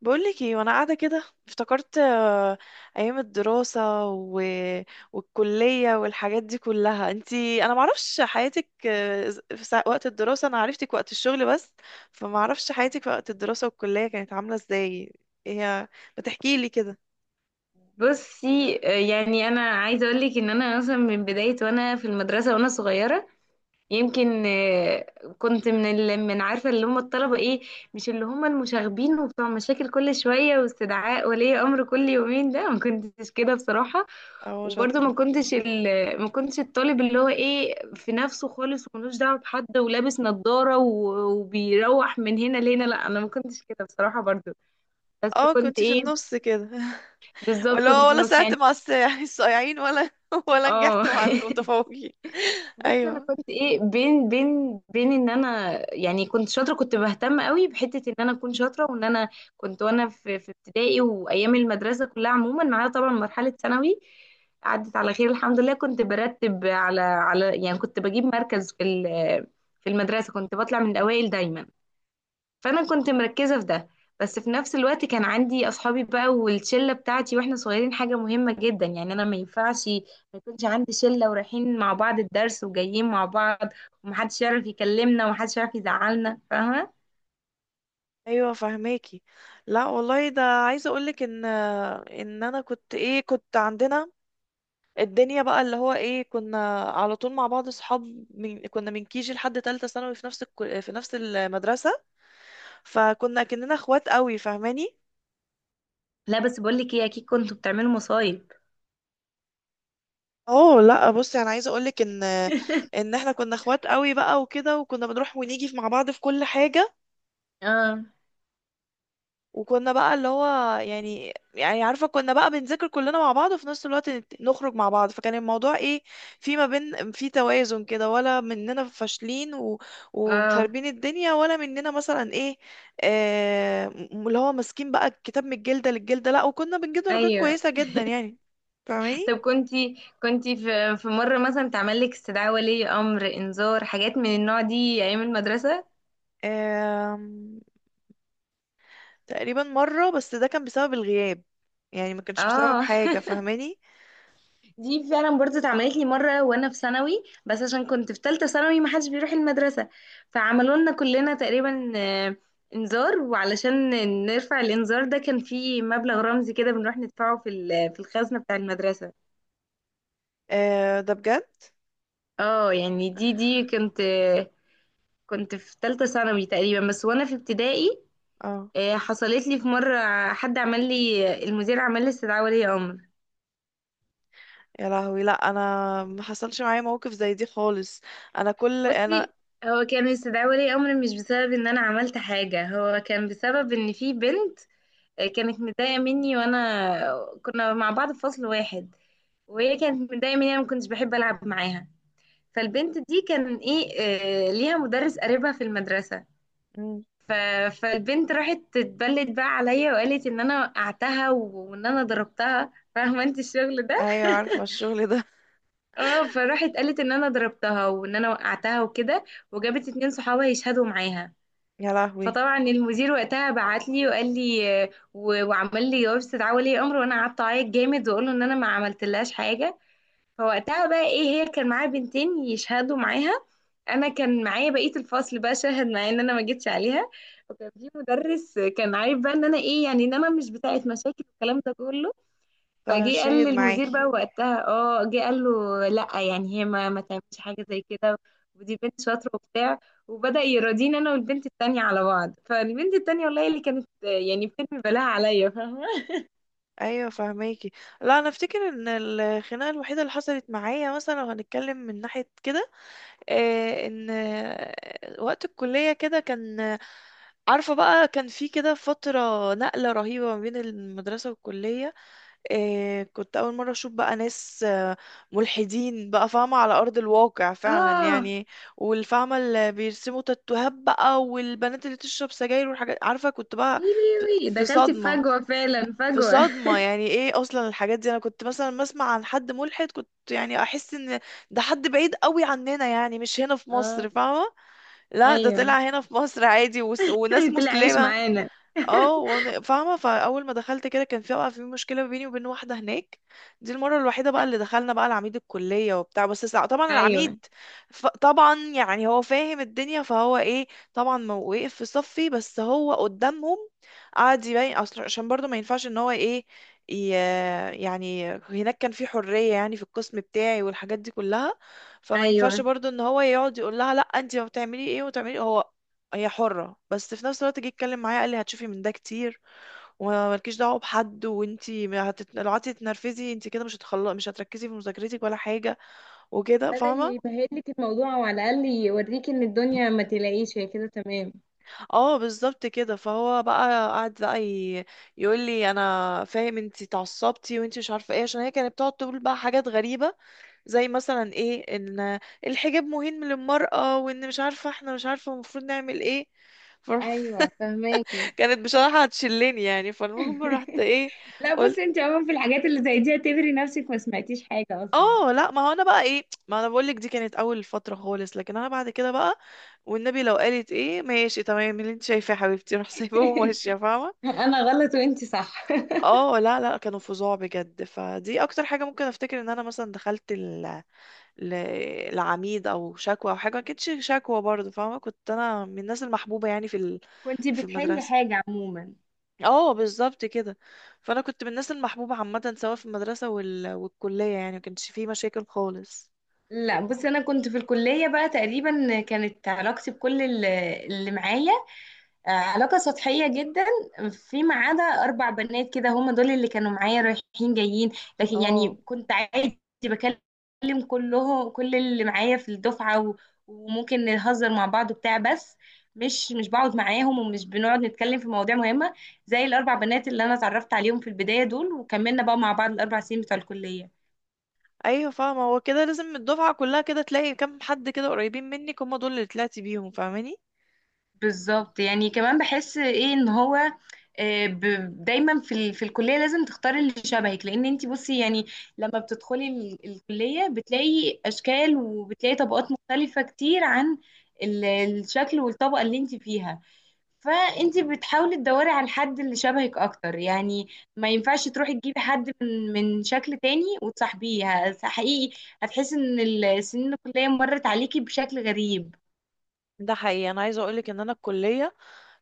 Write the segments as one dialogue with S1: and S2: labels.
S1: بقولك ايه، وانا قاعده كده افتكرت ايام الدراسه والكليه والحاجات دي كلها. انا معرفش حياتك في وقت الدراسه. انا عرفتك وقت الشغل بس، فمعرفش حياتك في وقت الدراسه والكليه كانت عامله ازاي. ايه هي؟ بتحكي لي كده.
S2: بصي، يعني انا عايزه اقول لك ان انا مثلا من بدايه وانا في المدرسه وانا صغيره يمكن. كنت من عارفه اللي هم الطلبه ايه، مش اللي هم المشاغبين وبتوع مشاكل كل شويه واستدعاء ولي امر كل يومين، ده ما كنتش كده بصراحه.
S1: اه،
S2: وبرضه
S1: شاطره.
S2: ما كنتش الطالب اللي هو ايه في نفسه خالص وملوش دعوه بحد ولابس نظاره وبيروح من هنا لهنا، لا انا ما كنتش كده بصراحه برضه. بس
S1: اه،
S2: كنت
S1: كنت في
S2: ايه؟
S1: النص كده.
S2: بالظبط كنت
S1: ولا
S2: في
S1: ولا
S2: النص
S1: ساعدت
S2: يعني.
S1: مع يعني الصايعين، ولا ولا
S2: اه.
S1: نجحت مع المتفوقين.
S2: بس انا
S1: ايوه.
S2: كنت ايه، بين بين ان انا يعني كنت شاطره، كنت بهتم قوي بحته ان انا اكون شاطره، وان انا كنت وانا في ابتدائي وايام المدرسه كلها عموما، ما عدا طبعا مرحله ثانوي، عدت على خير الحمد لله. كنت برتب على يعني كنت بجيب مركز في المدرسه، كنت بطلع من الاوائل دايما. فانا كنت مركزه في ده. بس في نفس الوقت كان عندي اصحابي بقى والشله بتاعتي واحنا صغيرين، حاجه مهمه جدا يعني، انا ما ينفعش ما يكونش عندي شله ورايحين مع بعض الدرس وجايين مع بعض، ومحدش يعرف يكلمنا ومحدش يعرف يزعلنا، فاهمه؟
S1: ايوه، فهماكي. لا والله، ده عايزه اقولك ان انا كنت ايه، كنت عندنا الدنيا بقى، اللي هو ايه، كنا على طول مع بعض اصحاب، من كيجي لحد تالتة ثانوي في نفس المدرسه. فكنا كأننا اخوات قوي. فاهماني؟
S2: لا بس بقول لك ايه، اكيد كنتوا بتعملوا مصايب.
S1: اه، لا بصي، انا عايزه اقولك ان ان احنا كنا اخوات قوي بقى وكده، وكنا بنروح ونيجي مع بعض في كل حاجه.
S2: اه.
S1: وكنا بقى اللي هو يعني عارفة، كنا بقى بنذاكر كلنا مع بعض وفي نفس الوقت نخرج مع بعض. فكان الموضوع ايه، في ما بين، في توازن كده، ولا مننا فاشلين
S2: اه.
S1: ومخربين الدنيا، ولا مننا مثلا ايه، اللي هو ماسكين بقى الكتاب من الجلدة للجلدة. لا، وكنا بنجيب درجات
S2: ايوه.
S1: كويسة جدا يعني. فاهماني؟
S2: طب كنتي في مره مثلا تعمل لك استدعاء ولي امر، انذار، حاجات من النوع دي ايام المدرسه؟
S1: آم... تقريبا مرة بس، ده كان بسبب الغياب، يعني ما كانش بسبب
S2: اه.
S1: حاجة. فاهماني؟
S2: دي فعلا برضه اتعملت لي مره وانا في ثانوي، بس عشان كنت في ثالثه ثانوي ما حدش بيروح المدرسه، فعملوا لنا كلنا تقريبا انذار. وعلشان نرفع الانذار ده كان في مبلغ رمزي كده بنروح ندفعه في الخزنه بتاع المدرسه.
S1: ده بجد.
S2: اه يعني دي كنت في ثالثه ثانوي تقريبا. بس وانا في ابتدائي،
S1: اه،
S2: حصلت لي في مره، حد عمل لي، المدير عمل لي استدعاء ولي امر.
S1: يا لهوي، لا انا ما حصلش معايا موقف زي دي خالص. انا كل انا...
S2: بصي، هو كانوا يستدعوا لي امر مش بسبب ان انا عملت حاجه، هو كان بسبب ان في بنت كانت متضايقه مني، وانا كنا مع بعض في فصل واحد، وهي كانت متضايقه مني انا ما كنتش بحب العب معاها. فالبنت دي كان ايه، ليها مدرس قريبها في المدرسه.
S1: مم.
S2: ف... فالبنت راحت تتبلد بقى عليا وقالت ان انا وقعتها وان انا ضربتها، فاهمه انت الشغل ده.
S1: ايوه، عارفه الشغل ده.
S2: اه، فراحت قالت ان انا ضربتها وان انا وقعتها وكده، وجابت اتنين صحابها يشهدوا معاها.
S1: يا لهوي.
S2: فطبعا المدير وقتها بعت لي وقال لي، وعمل لي جواب استدعاء ولي امر، وانا قعدت اعيط جامد واقول له ان انا ما عملتلهاش حاجه. فوقتها بقى ايه، هي كان معايا بنتين يشهدوا معاها، انا كان معايا بقيه الفصل بقى شاهد معايا ان انا ما جيتش عليها. وكان في مدرس كان عارف بقى ان انا ايه يعني، ان انا مش بتاعه مشاكل والكلام ده كله. فجه قال
S1: فشاهد
S2: للمدير
S1: معاكي.
S2: بقى وقتها، اه جه قال له لا يعني هي ما تعملش حاجه زي كده، ودي بنت شاطره وبتاع. وبدأ يراضيني انا والبنت التانية على بعض. فالبنت التانية والله اللي كانت يعني بترمي بلاها عليا فاهمه.
S1: ايوه، فهماكي. لا، انا افتكر ان الخناقه الوحيده اللي حصلت معايا، مثلا لو هنتكلم من ناحيه كده، ان وقت الكليه كده كان، عارفه بقى، كان في كده فتره نقله رهيبه ما بين المدرسه والكليه. إيه، كنت أول مرة أشوف بقى ناس ملحدين بقى، فاهمة، على أرض الواقع فعلا
S2: اه
S1: يعني. والفاهمة اللي بيرسموا تاتوهات بقى، والبنات اللي تشرب سجاير والحاجات، عارفة، كنت بقى في
S2: يليوي،
S1: في
S2: دخلت في
S1: صدمة.
S2: فجوه فعلا
S1: في
S2: فجوه.
S1: صدمة يعني، ايه أصلا الحاجات دي، أنا كنت مثلا بسمع عن حد ملحد، كنت يعني أحس إن ده حد بعيد قوي عننا، يعني مش هنا في
S2: اه.
S1: مصر. فاهمة؟ لا، ده
S2: ايوه.
S1: طلع هنا في مصر عادي، وناس
S2: طلع عايش
S1: مسلمة.
S2: معانا.
S1: اه، وانا فاهمه، فاول ما دخلت كده كان في بقى في مشكله بيني وبين واحده هناك. دي المره الوحيده بقى اللي دخلنا بقى العميد الكليه وبتاع، بس طبعا
S2: ايوه.
S1: العميد، طبعا يعني هو فاهم الدنيا، فهو ايه، طبعا ما وقف في صفي، بس هو قدامهم قعد يبين. اصل عشان برضه ما ينفعش ان هو ايه، ي... يعني هناك كان في حريه يعني في القسم بتاعي والحاجات دي كلها، فما ينفعش
S2: ايوه،
S1: برضه ان هو يقعد يقول لها لا، انت ما بتعملي ايه وتعملي، هي حرة. بس في نفس الوقت جه يتكلم معايا قال لي هتشوفي من ده كتير، ومالكيش دعوة بحد، وانتي ما هتت... لو قعدتي تتنرفزي انتي كده مش هتخلص، مش هتركزي في مذاكرتك ولا حاجة وكده.
S2: بدأ
S1: فاهمة؟
S2: يبهدلك الموضوع وعلى الاقل يوريك ان الدنيا ما تلاقيش هي كده تمام.
S1: اه، بالظبط كده. فهو بقى قعد بقى يقول لي انا فاهم انتي اتعصبتي وانتي مش عارفة ايه، عشان هي كانت بتقعد تقول بقى حاجات غريبة، زي مثلا ايه ان الحجاب مهم للمرأة، وان مش عارفة، احنا مش عارفة المفروض نعمل ايه.
S2: ايوه فهماكي.
S1: فكانت بصراحة هتشلني يعني، فالمهم رحت ايه،
S2: لا
S1: قلت،
S2: بصي، انت عموما في الحاجات اللي زي دي اعتبري نفسك ما سمعتيش حاجة اصلا.
S1: اه، لا، ما هو انا بقى ايه، ما انا بقول لك دي كانت اول فتره خالص، لكن انا بعد كده بقى، والنبي، لو قالت ايه، ماشي تمام اللي انت شايفاه يا حبيبتي، روح، سايباهم وماشيه. فاهمه؟
S2: انا غلط وانت صح.
S1: اه، لا لا، كانوا فظاع بجد، فدي اكتر حاجه ممكن افتكر ان انا مثلا دخلت ل... العميد او شكوى او حاجه، ما كانتش شكوى برضه. فاهمه؟ كنت انا من الناس المحبوبه يعني في
S2: كنت
S1: في
S2: بتحلي
S1: المدرسه.
S2: حاجة عموما.
S1: اه، بالظبط كده. فانا كنت من الناس المحبوبه عامه، سواء في المدرسه والكليه، يعني ما كانش فيه مشاكل خالص.
S2: لا بصي، انا كنت في الكلية بقى تقريبا كانت علاقتي بكل اللي معايا علاقة سطحية جدا، فيما عدا أربع بنات كده هم دول اللي كانوا معايا رايحين جايين. لكن يعني
S1: اه.
S2: كنت عادي بكلم كلهم، كل اللي معايا في الدفعة، وممكن نهزر مع بعض وبتاع، بس مش بقعد معاهم ومش بنقعد نتكلم في مواضيع مهمة زي الأربع بنات اللي أنا اتعرفت عليهم في البداية دول، وكملنا بقى مع بعض الأربع سنين بتوع الكلية.
S1: ايوه، فاهمه، هو كده لازم الدفعه كلها كده تلاقي كام حد كده قريبين منك، هم دول اللي طلعتي بيهم. فاهماني؟
S2: بالظبط يعني. كمان بحس ايه ان هو، دايما في الكليه لازم تختاري اللي شبهك. لان انت بصي يعني، لما بتدخلي الكليه بتلاقي اشكال وبتلاقي طبقات مختلفه كتير عن الشكل والطبقه اللي انت فيها. فانت بتحاولي تدوري على الحد اللي شبهك اكتر يعني، ما ينفعش تروحي تجيبي حد من شكل تاني وتصاحبيه. حقيقي هتحسي ان السنين الكليه مرت عليكي بشكل غريب.
S1: ده حقيقي، انا عايزه اقولك ان انا الكليه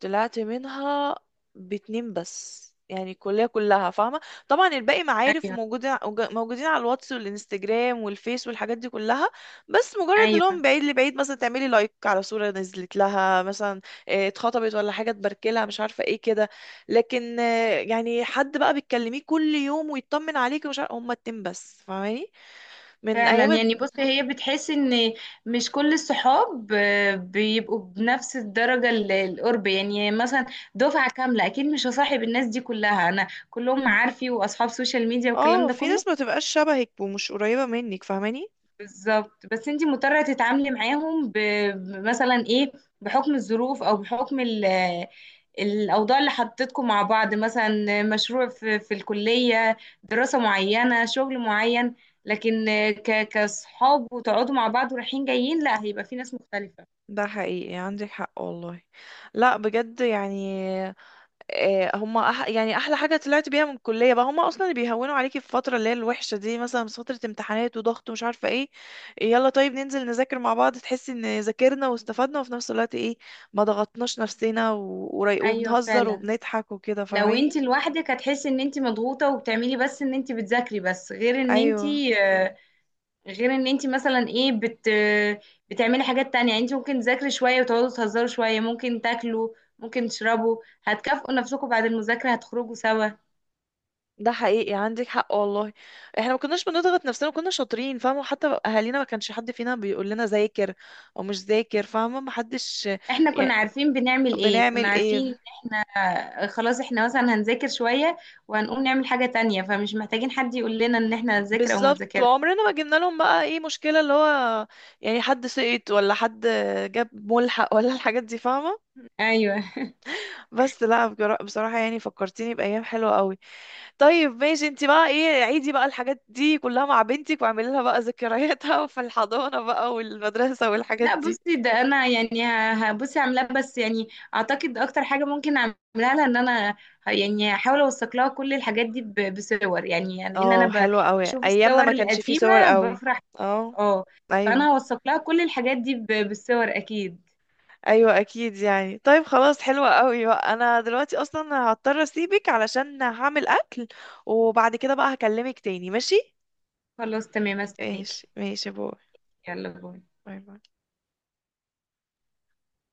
S1: طلعت منها باتنين بس يعني الكلية كلها. فاهمة؟ طبعا الباقي معارف
S2: ايوه.
S1: وموجودين على الواتس والانستجرام والفيس والحاجات دي كلها، بس مجرد اللي هو
S2: ايوه
S1: من بعيد لبعيد، مثلا تعملي لايك على صورة نزلت لها، مثلا اتخطبت ولا حاجة، تباركلها، مش عارفة ايه كده. لكن يعني حد بقى بتكلميه كل يوم ويطمن عليكي ومش عارفة، هما اتنين بس. فاهماني؟ من
S2: فعلا
S1: ايام
S2: يعني. بص، هي بتحس ان مش كل الصحاب بيبقوا بنفس الدرجة القرب يعني. مثلا دفعة كاملة اكيد مش هصاحب الناس دي كلها، انا كلهم معارفي واصحاب سوشيال ميديا والكلام
S1: اه،
S2: ده
S1: في
S2: كله.
S1: ناس ما تبقاش شبهك ومش قريبة منك. فاهماني؟
S2: بالظبط، بس انت مضطرة تتعاملي معاهم مثلا ايه، بحكم الظروف او بحكم الاوضاع اللي حطيتكم مع بعض، مثلا مشروع في الكلية، دراسة معينة، شغل معين. لكن كصحاب وتقعدوا مع بعض ورايحين جايين، لا هيبقى في ناس مختلفة.
S1: ده حقيقي، عندك حق والله. لا بجد يعني، هما يعني احلى حاجه طلعت بيها من الكليه بقى، هما اصلا اللي بيهونوا عليكي في الفتره اللي هي الوحشه دي، مثلا في فتره امتحانات وضغط ومش عارفه ايه. يلا طيب، ننزل نذاكر مع بعض، تحسي ان ذاكرنا واستفدنا، وفي نفس الوقت ايه، ما ضغطناش نفسنا
S2: ايوه
S1: وبنهزر
S2: فعلا.
S1: وبنضحك وكده.
S2: لو انت
S1: فاهماني؟
S2: لوحدك هتحسي ان انت مضغوطة وبتعملي بس ان انت بتذاكري، بس غير ان انت
S1: ايوه،
S2: غير ان انت مثلا ايه بتعملي حاجات تانية يعني. انت ممكن تذاكري شوية وتقعدوا تهزروا شوية، ممكن تاكلوا، ممكن تشربوا، هتكافئوا نفسكم بعد المذاكرة هتخرجوا سوا.
S1: ده حقيقي، عندك حق والله، احنا ما كناش بنضغط نفسنا، كنا شاطرين. فاهمه؟ وحتى اهالينا ما كانش حد فينا بيقول لنا ذاكر او مش ذاكر. فاهمه؟ ما حدش
S2: احنا كنا
S1: يعني
S2: عارفين بنعمل ايه، كنا
S1: بنعمل
S2: عارفين ان
S1: ايه.
S2: احنا خلاص احنا مثلا هنذاكر شوية وهنقوم نعمل حاجة تانية، فمش محتاجين حد يقول لنا ان احنا هنذاكر او ما
S1: بالظبط،
S2: نذاكرش.
S1: وعمرنا ما جبنا لهم بقى ايه مشكله اللي هو يعني حد سقط ولا حد جاب ملحق ولا الحاجات دي. فاهمه؟
S2: ايوه.
S1: بس لا، بصراحه يعني فكرتيني بايام حلوه قوي. طيب ماشي، انت بقى ايه عيدي بقى الحاجات دي كلها مع بنتك، واعملي لها بقى ذكرياتها في الحضانه بقى والمدرسه والحاجات
S2: لا
S1: دي.
S2: بصي، ده انا يعني هبصي عاملاه، بس يعني اعتقد اكتر حاجه ممكن اعملها لها ان انا يعني هحاول اوثق لها كل الحاجات دي بصور يعني، لان انا
S1: اه، حلو قوي.
S2: بشوف
S1: ايامنا
S2: الصور
S1: ما كانش فيه صور
S2: القديمه
S1: قوي.
S2: بفرح.
S1: اه.
S2: اه.
S1: ايوه.
S2: فانا هوثق لها كل الحاجات دي بالصور اكيد.
S1: ايوه اكيد يعني. طيب خلاص، حلوة قوي بقى، انا دلوقتي اصلا هضطر اسيبك، علشان هعمل اكل، وبعد كده بقى هكلمك تاني. ماشي،
S2: خلاص تمام،
S1: ماشي،
S2: استناكي.
S1: ماشي، باي،
S2: يلا باي.
S1: باي، باي.